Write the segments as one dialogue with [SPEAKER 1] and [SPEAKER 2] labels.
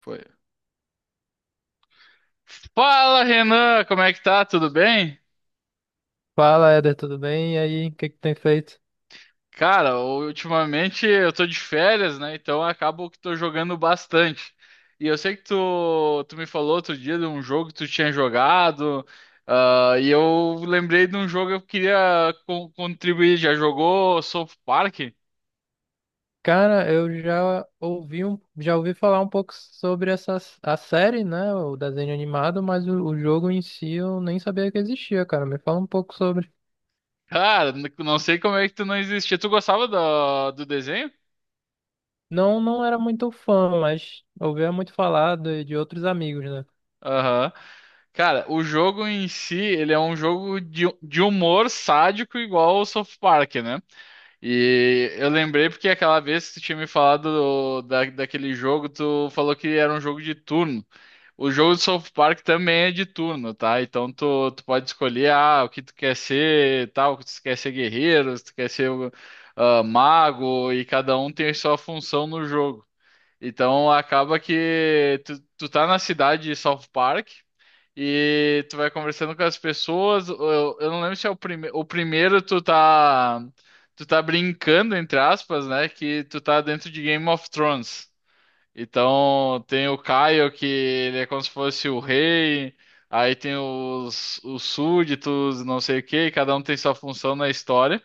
[SPEAKER 1] Foi. Fala, Renan, como é que tá? Tudo bem?
[SPEAKER 2] Fala, Éder, tudo bem? E aí, o que que tem feito?
[SPEAKER 1] Cara, ultimamente eu tô de férias, né? Então eu acabo que tô jogando bastante. E eu sei que tu me falou outro dia de um jogo que tu tinha jogado, ah, e eu lembrei de um jogo que eu queria contribuir. Já jogou South Park?
[SPEAKER 2] Cara, eu já ouvi falar um pouco sobre essa a série, né? O desenho animado, mas o jogo em si eu nem sabia que existia, cara. Me fala um pouco sobre.
[SPEAKER 1] Cara, não sei como é que tu não existia. Tu gostava do desenho?
[SPEAKER 2] Não, não era muito fã, mas ouvia muito falar de outros amigos, né?
[SPEAKER 1] Aham. Cara, o jogo em si, ele é um jogo de humor sádico igual o South Park, né? E eu lembrei porque aquela vez que tu tinha me falado daquele jogo, tu falou que era um jogo de turno. O jogo do South Park também é de turno, tá? Então tu pode escolher ah, o que tu quer ser, tal, se tu quer ser guerreiro, se tu quer ser ah, mago, e cada um tem a sua função no jogo. Então acaba que tu tá na cidade de South Park e tu vai conversando com as pessoas. Eu não lembro se é o primeiro. O primeiro tu tá. Tu tá brincando, entre aspas, né? Que tu tá dentro de Game of Thrones. Então tem o Kyle, que ele é como se fosse o rei. Aí tem os súditos, não sei o quê, e cada um tem sua função na história.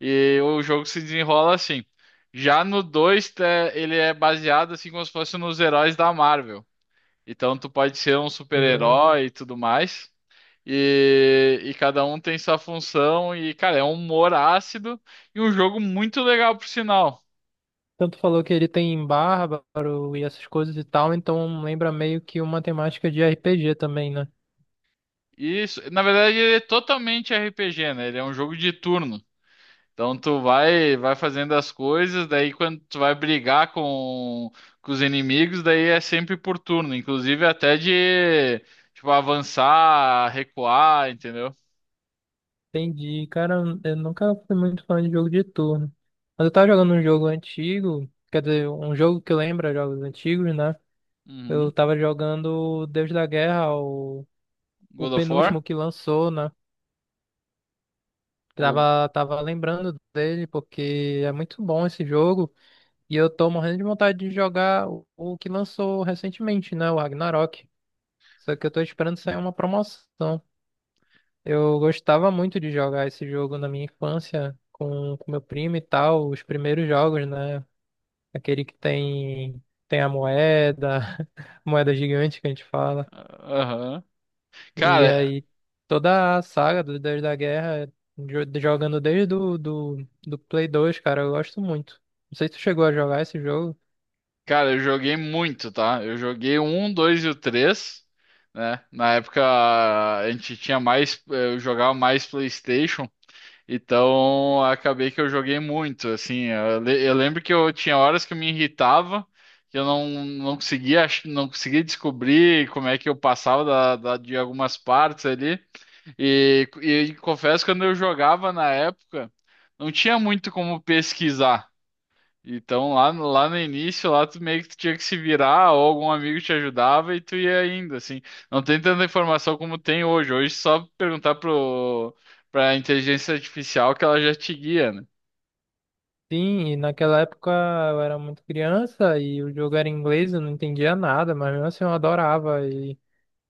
[SPEAKER 1] E o jogo se desenrola assim. Já no 2, tá, ele é baseado assim como se fosse nos heróis da Marvel. Então tu pode ser um
[SPEAKER 2] Hum.
[SPEAKER 1] super-herói e tudo mais. E cada um tem sua função. E, cara, é um humor ácido e um jogo muito legal, por sinal.
[SPEAKER 2] Tanto falou que ele tem bárbaro e essas coisas e tal, então lembra meio que uma temática de RPG também, né?
[SPEAKER 1] Isso, na verdade, ele é totalmente RPG, né? Ele é um jogo de turno. Então tu vai fazendo as coisas, daí quando tu vai brigar com os inimigos, daí é sempre por turno, inclusive até de tipo avançar, recuar, entendeu?
[SPEAKER 2] Entendi. Cara, eu nunca fui muito fã de jogo de turno. Mas eu tava jogando um jogo antigo, quer dizer, um jogo que lembra jogos antigos, né? Eu
[SPEAKER 1] Uhum.
[SPEAKER 2] tava jogando o Deus da Guerra, o
[SPEAKER 1] God of War?
[SPEAKER 2] penúltimo que lançou, né?
[SPEAKER 1] O-
[SPEAKER 2] Tava lembrando dele, porque é muito bom esse jogo. E eu tô morrendo de vontade de jogar o que lançou recentemente, né? O Ragnarok. Só que eu tô esperando sair uma promoção. Eu gostava muito de jogar esse jogo na minha infância com meu primo e tal, os primeiros jogos, né? Aquele que tem a moeda, moeda gigante que a gente fala.
[SPEAKER 1] Aham.
[SPEAKER 2] E
[SPEAKER 1] Cara,
[SPEAKER 2] aí toda a saga do Deus da Guerra, jogando desde do Play 2, cara, eu gosto muito. Não sei se tu chegou a jogar esse jogo.
[SPEAKER 1] cara, eu joguei muito, tá? Eu joguei o 1, 2 e o 3, né? Na época a gente tinha mais, eu jogava mais PlayStation. Então, acabei que eu joguei muito, assim, eu lembro que eu tinha horas que eu me irritava, que eu não conseguia, não conseguia descobrir como é que eu passava de algumas partes ali, e confesso que quando eu jogava na época, não tinha muito como pesquisar, então lá, lá no início, lá tu meio que tu tinha que se virar, ou algum amigo te ajudava e tu ia indo, assim. Não tem tanta informação como tem hoje. Hoje é só perguntar pra inteligência artificial que ela já te guia, né?
[SPEAKER 2] Sim, e naquela época eu era muito criança e o jogo era em inglês, eu não entendia nada, mas mesmo assim eu adorava. E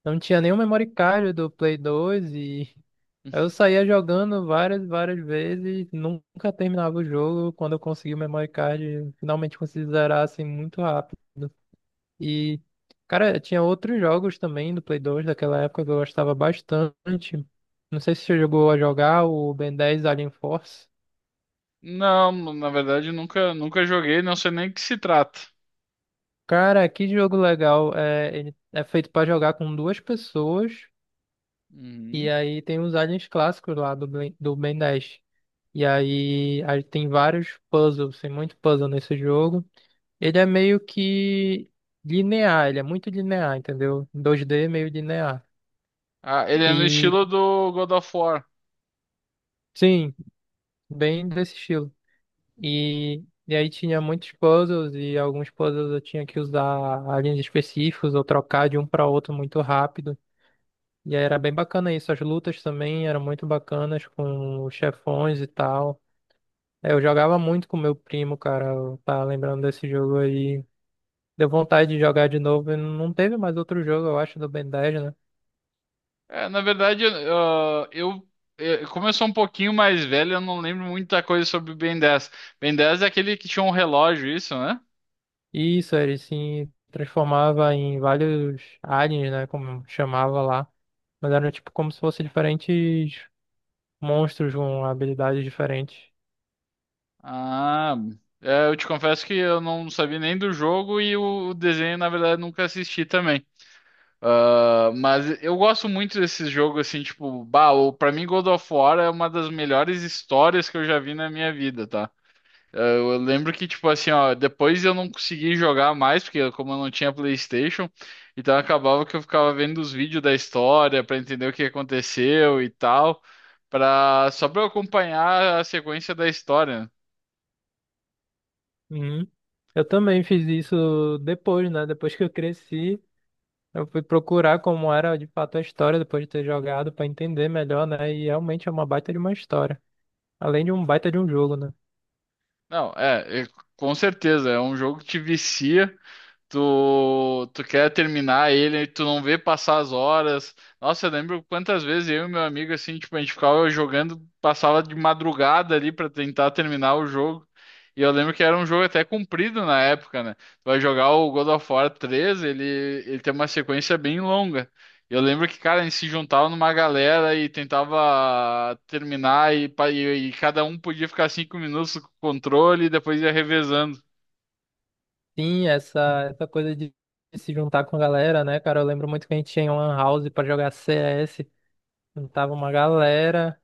[SPEAKER 2] não tinha nenhum memory card do Play 2 e eu saía jogando várias, várias vezes, nunca terminava o jogo. Quando eu consegui o memory card, finalmente consegui zerar assim muito rápido. E, cara, tinha outros jogos também do Play 2 daquela época que eu gostava bastante. Não sei se você jogou a jogar o Ben 10 Alien Force.
[SPEAKER 1] Não, na verdade nunca joguei, não sei nem o que se trata.
[SPEAKER 2] Cara, que jogo legal. É, ele é feito pra jogar com duas pessoas. E
[SPEAKER 1] Uhum.
[SPEAKER 2] aí tem os aliens clássicos lá do Ben 10. E aí tem vários puzzles, tem muito puzzle nesse jogo. Ele é meio que linear, ele é muito linear, entendeu? 2D é meio linear.
[SPEAKER 1] Ah, ele é no
[SPEAKER 2] E
[SPEAKER 1] estilo do God of War.
[SPEAKER 2] sim, bem desse estilo. E aí tinha muitos puzzles e alguns puzzles eu tinha que usar aliens específicos ou trocar de um para outro muito rápido. E aí era bem bacana isso. As lutas também eram muito bacanas com os chefões e tal. É, eu jogava muito com meu primo, cara. Eu tava lembrando desse jogo aí. Deu vontade de jogar de novo. E não teve mais outro jogo, eu acho, do Ben 10, né?
[SPEAKER 1] É, na verdade, ah, eu, eh, como eu sou um pouquinho mais velho, eu não lembro muita coisa sobre o Ben 10. Ben 10 é aquele que tinha um relógio, isso, né?
[SPEAKER 2] E isso, ele se transformava em vários aliens, né? Como chamava lá. Mas eram tipo como se fossem diferentes monstros com habilidades diferentes.
[SPEAKER 1] Ah, é, eu te confesso que eu não sabia nem do jogo e o desenho, na verdade, nunca assisti também. Ah, mas eu gosto muito desses jogos, assim, tipo, bah, pra mim God of War é uma das melhores histórias que eu já vi na minha vida, tá? Ah, eu lembro que, tipo assim, ó, depois eu não consegui jogar mais, porque como eu não tinha PlayStation, então acabava que eu ficava vendo os vídeos da história pra entender o que aconteceu e tal, só pra eu acompanhar a sequência da história, né?
[SPEAKER 2] Uhum. Eu também fiz isso depois, né? Depois que eu cresci, eu fui procurar como era de fato a história depois de ter jogado pra entender melhor, né? E realmente é uma baita de uma história. Além de um baita de um jogo, né?
[SPEAKER 1] Não, é, é, com certeza, é um jogo que te vicia. Tu, tu quer terminar ele, e tu não vê passar as horas. Nossa, eu lembro quantas vezes eu e meu amigo, assim, tipo, a gente ficava jogando, passava de madrugada ali pra tentar terminar o jogo. E eu lembro que era um jogo até comprido na época, né? Tu vai jogar o God of War 3 ele tem uma sequência bem longa. Eu lembro que, cara, a gente se juntava numa galera e tentava terminar, e cada um podia ficar 5 minutos com o controle e depois ia revezando.
[SPEAKER 2] Sim, essa coisa de se juntar com a galera, né, cara? Eu lembro muito que a gente tinha um lan house pra jogar CS, juntava uma galera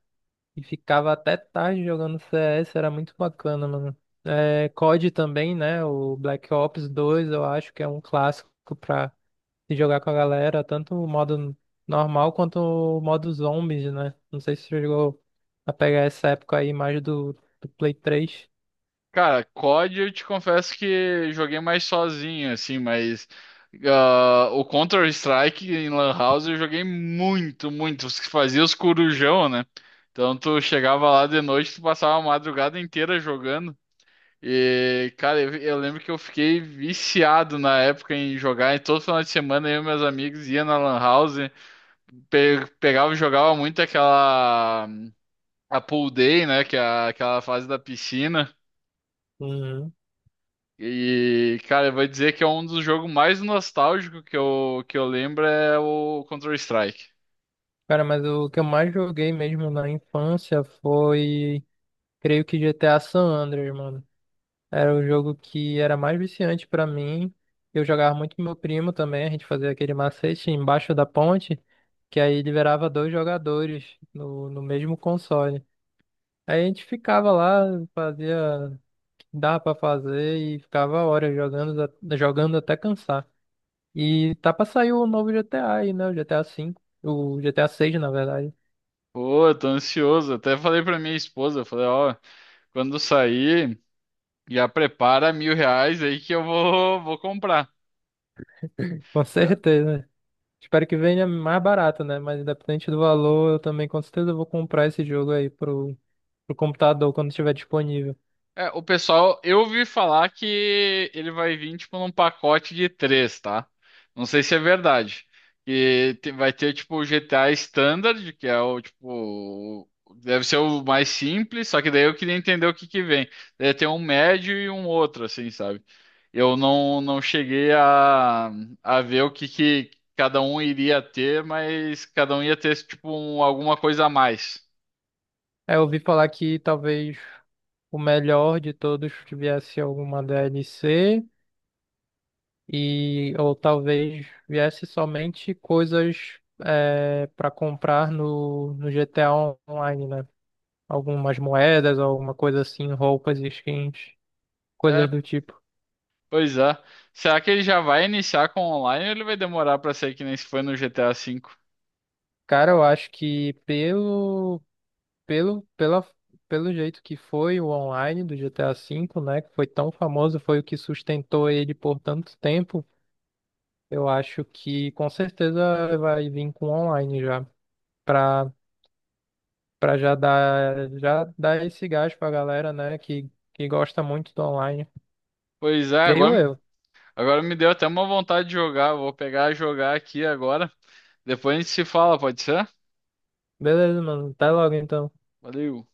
[SPEAKER 2] e ficava até tarde jogando CS, era muito bacana, mano. É, COD também, né? O Black Ops dois eu acho que é um clássico pra se jogar com a galera, tanto o modo normal quanto o modo zombies, né? Não sei se você chegou a pegar essa época aí mais do Play três.
[SPEAKER 1] Cara, COD eu te confesso que joguei mais sozinho, assim, mas ah, o Counter-Strike em Lan House eu joguei muito, muito. Os que fazia os corujão, né? Então tu chegava lá de noite, tu passava a madrugada inteira jogando. E, cara, eu lembro que eu fiquei viciado na época em jogar. E todo final de semana eu e meus amigos ia na Lan House, pegava e jogava muito aquela. A pool day, né? Que é aquela fase da piscina. E, cara, eu vou dizer que é um dos jogos mais nostálgicos que eu lembro é o Counter-Strike.
[SPEAKER 2] Cara, mas o que eu mais joguei mesmo na infância foi, creio que GTA San Andreas, mano. Era o jogo que era mais viciante pra mim. Eu jogava muito com meu primo também, a gente fazia aquele macete embaixo da ponte, que aí liberava dois jogadores no mesmo console. Aí a gente ficava lá, fazia o que dava pra fazer e ficava horas jogando, jogando até cansar. E tá pra sair o novo GTA aí, né? O GTA V, o GTA 6, na verdade.
[SPEAKER 1] Pô, eu tô ansioso. Até falei pra minha esposa, eu falei, ó, quando sair, já prepara R$ 1.000 aí que eu vou comprar.
[SPEAKER 2] Com certeza. Espero que venha mais barato, né? Mas independente do valor, eu também com certeza vou comprar esse jogo aí pro computador quando estiver disponível.
[SPEAKER 1] É, o pessoal, eu ouvi falar que ele vai vir tipo num pacote de três, tá? Não sei se é verdade. E vai ter tipo o GTA Standard, que é o tipo, deve ser o mais simples, só que daí eu queria entender o que que vem. Deve ter um médio e um outro, assim, sabe? Eu não cheguei a ver o que que cada um iria ter, mas cada um ia ter tipo alguma coisa a mais.
[SPEAKER 2] É, eu ouvi falar que talvez o melhor de todos viesse alguma DLC e ou talvez viesse somente coisas é, para comprar no GTA Online, né? Algumas moedas, alguma coisa assim, roupas, skins,
[SPEAKER 1] É.
[SPEAKER 2] coisas do tipo.
[SPEAKER 1] Pois é. Será que ele já vai iniciar com online ou ele vai demorar pra sair que nem se foi no GTA V?
[SPEAKER 2] Cara, eu acho que Pelo, pela, pelo jeito que foi o online do GTA V, né, que foi tão famoso, foi o que sustentou ele por tanto tempo, eu acho que com certeza vai vir com online já, pra, pra já dar esse gás pra galera, né, que gosta muito do online.
[SPEAKER 1] Pois é,
[SPEAKER 2] Creio
[SPEAKER 1] agora,
[SPEAKER 2] eu.
[SPEAKER 1] agora me deu até uma vontade de jogar. Vou pegar e jogar aqui agora. Depois a gente se fala, pode ser?
[SPEAKER 2] Beleza, mano. Até logo então.
[SPEAKER 1] Valeu.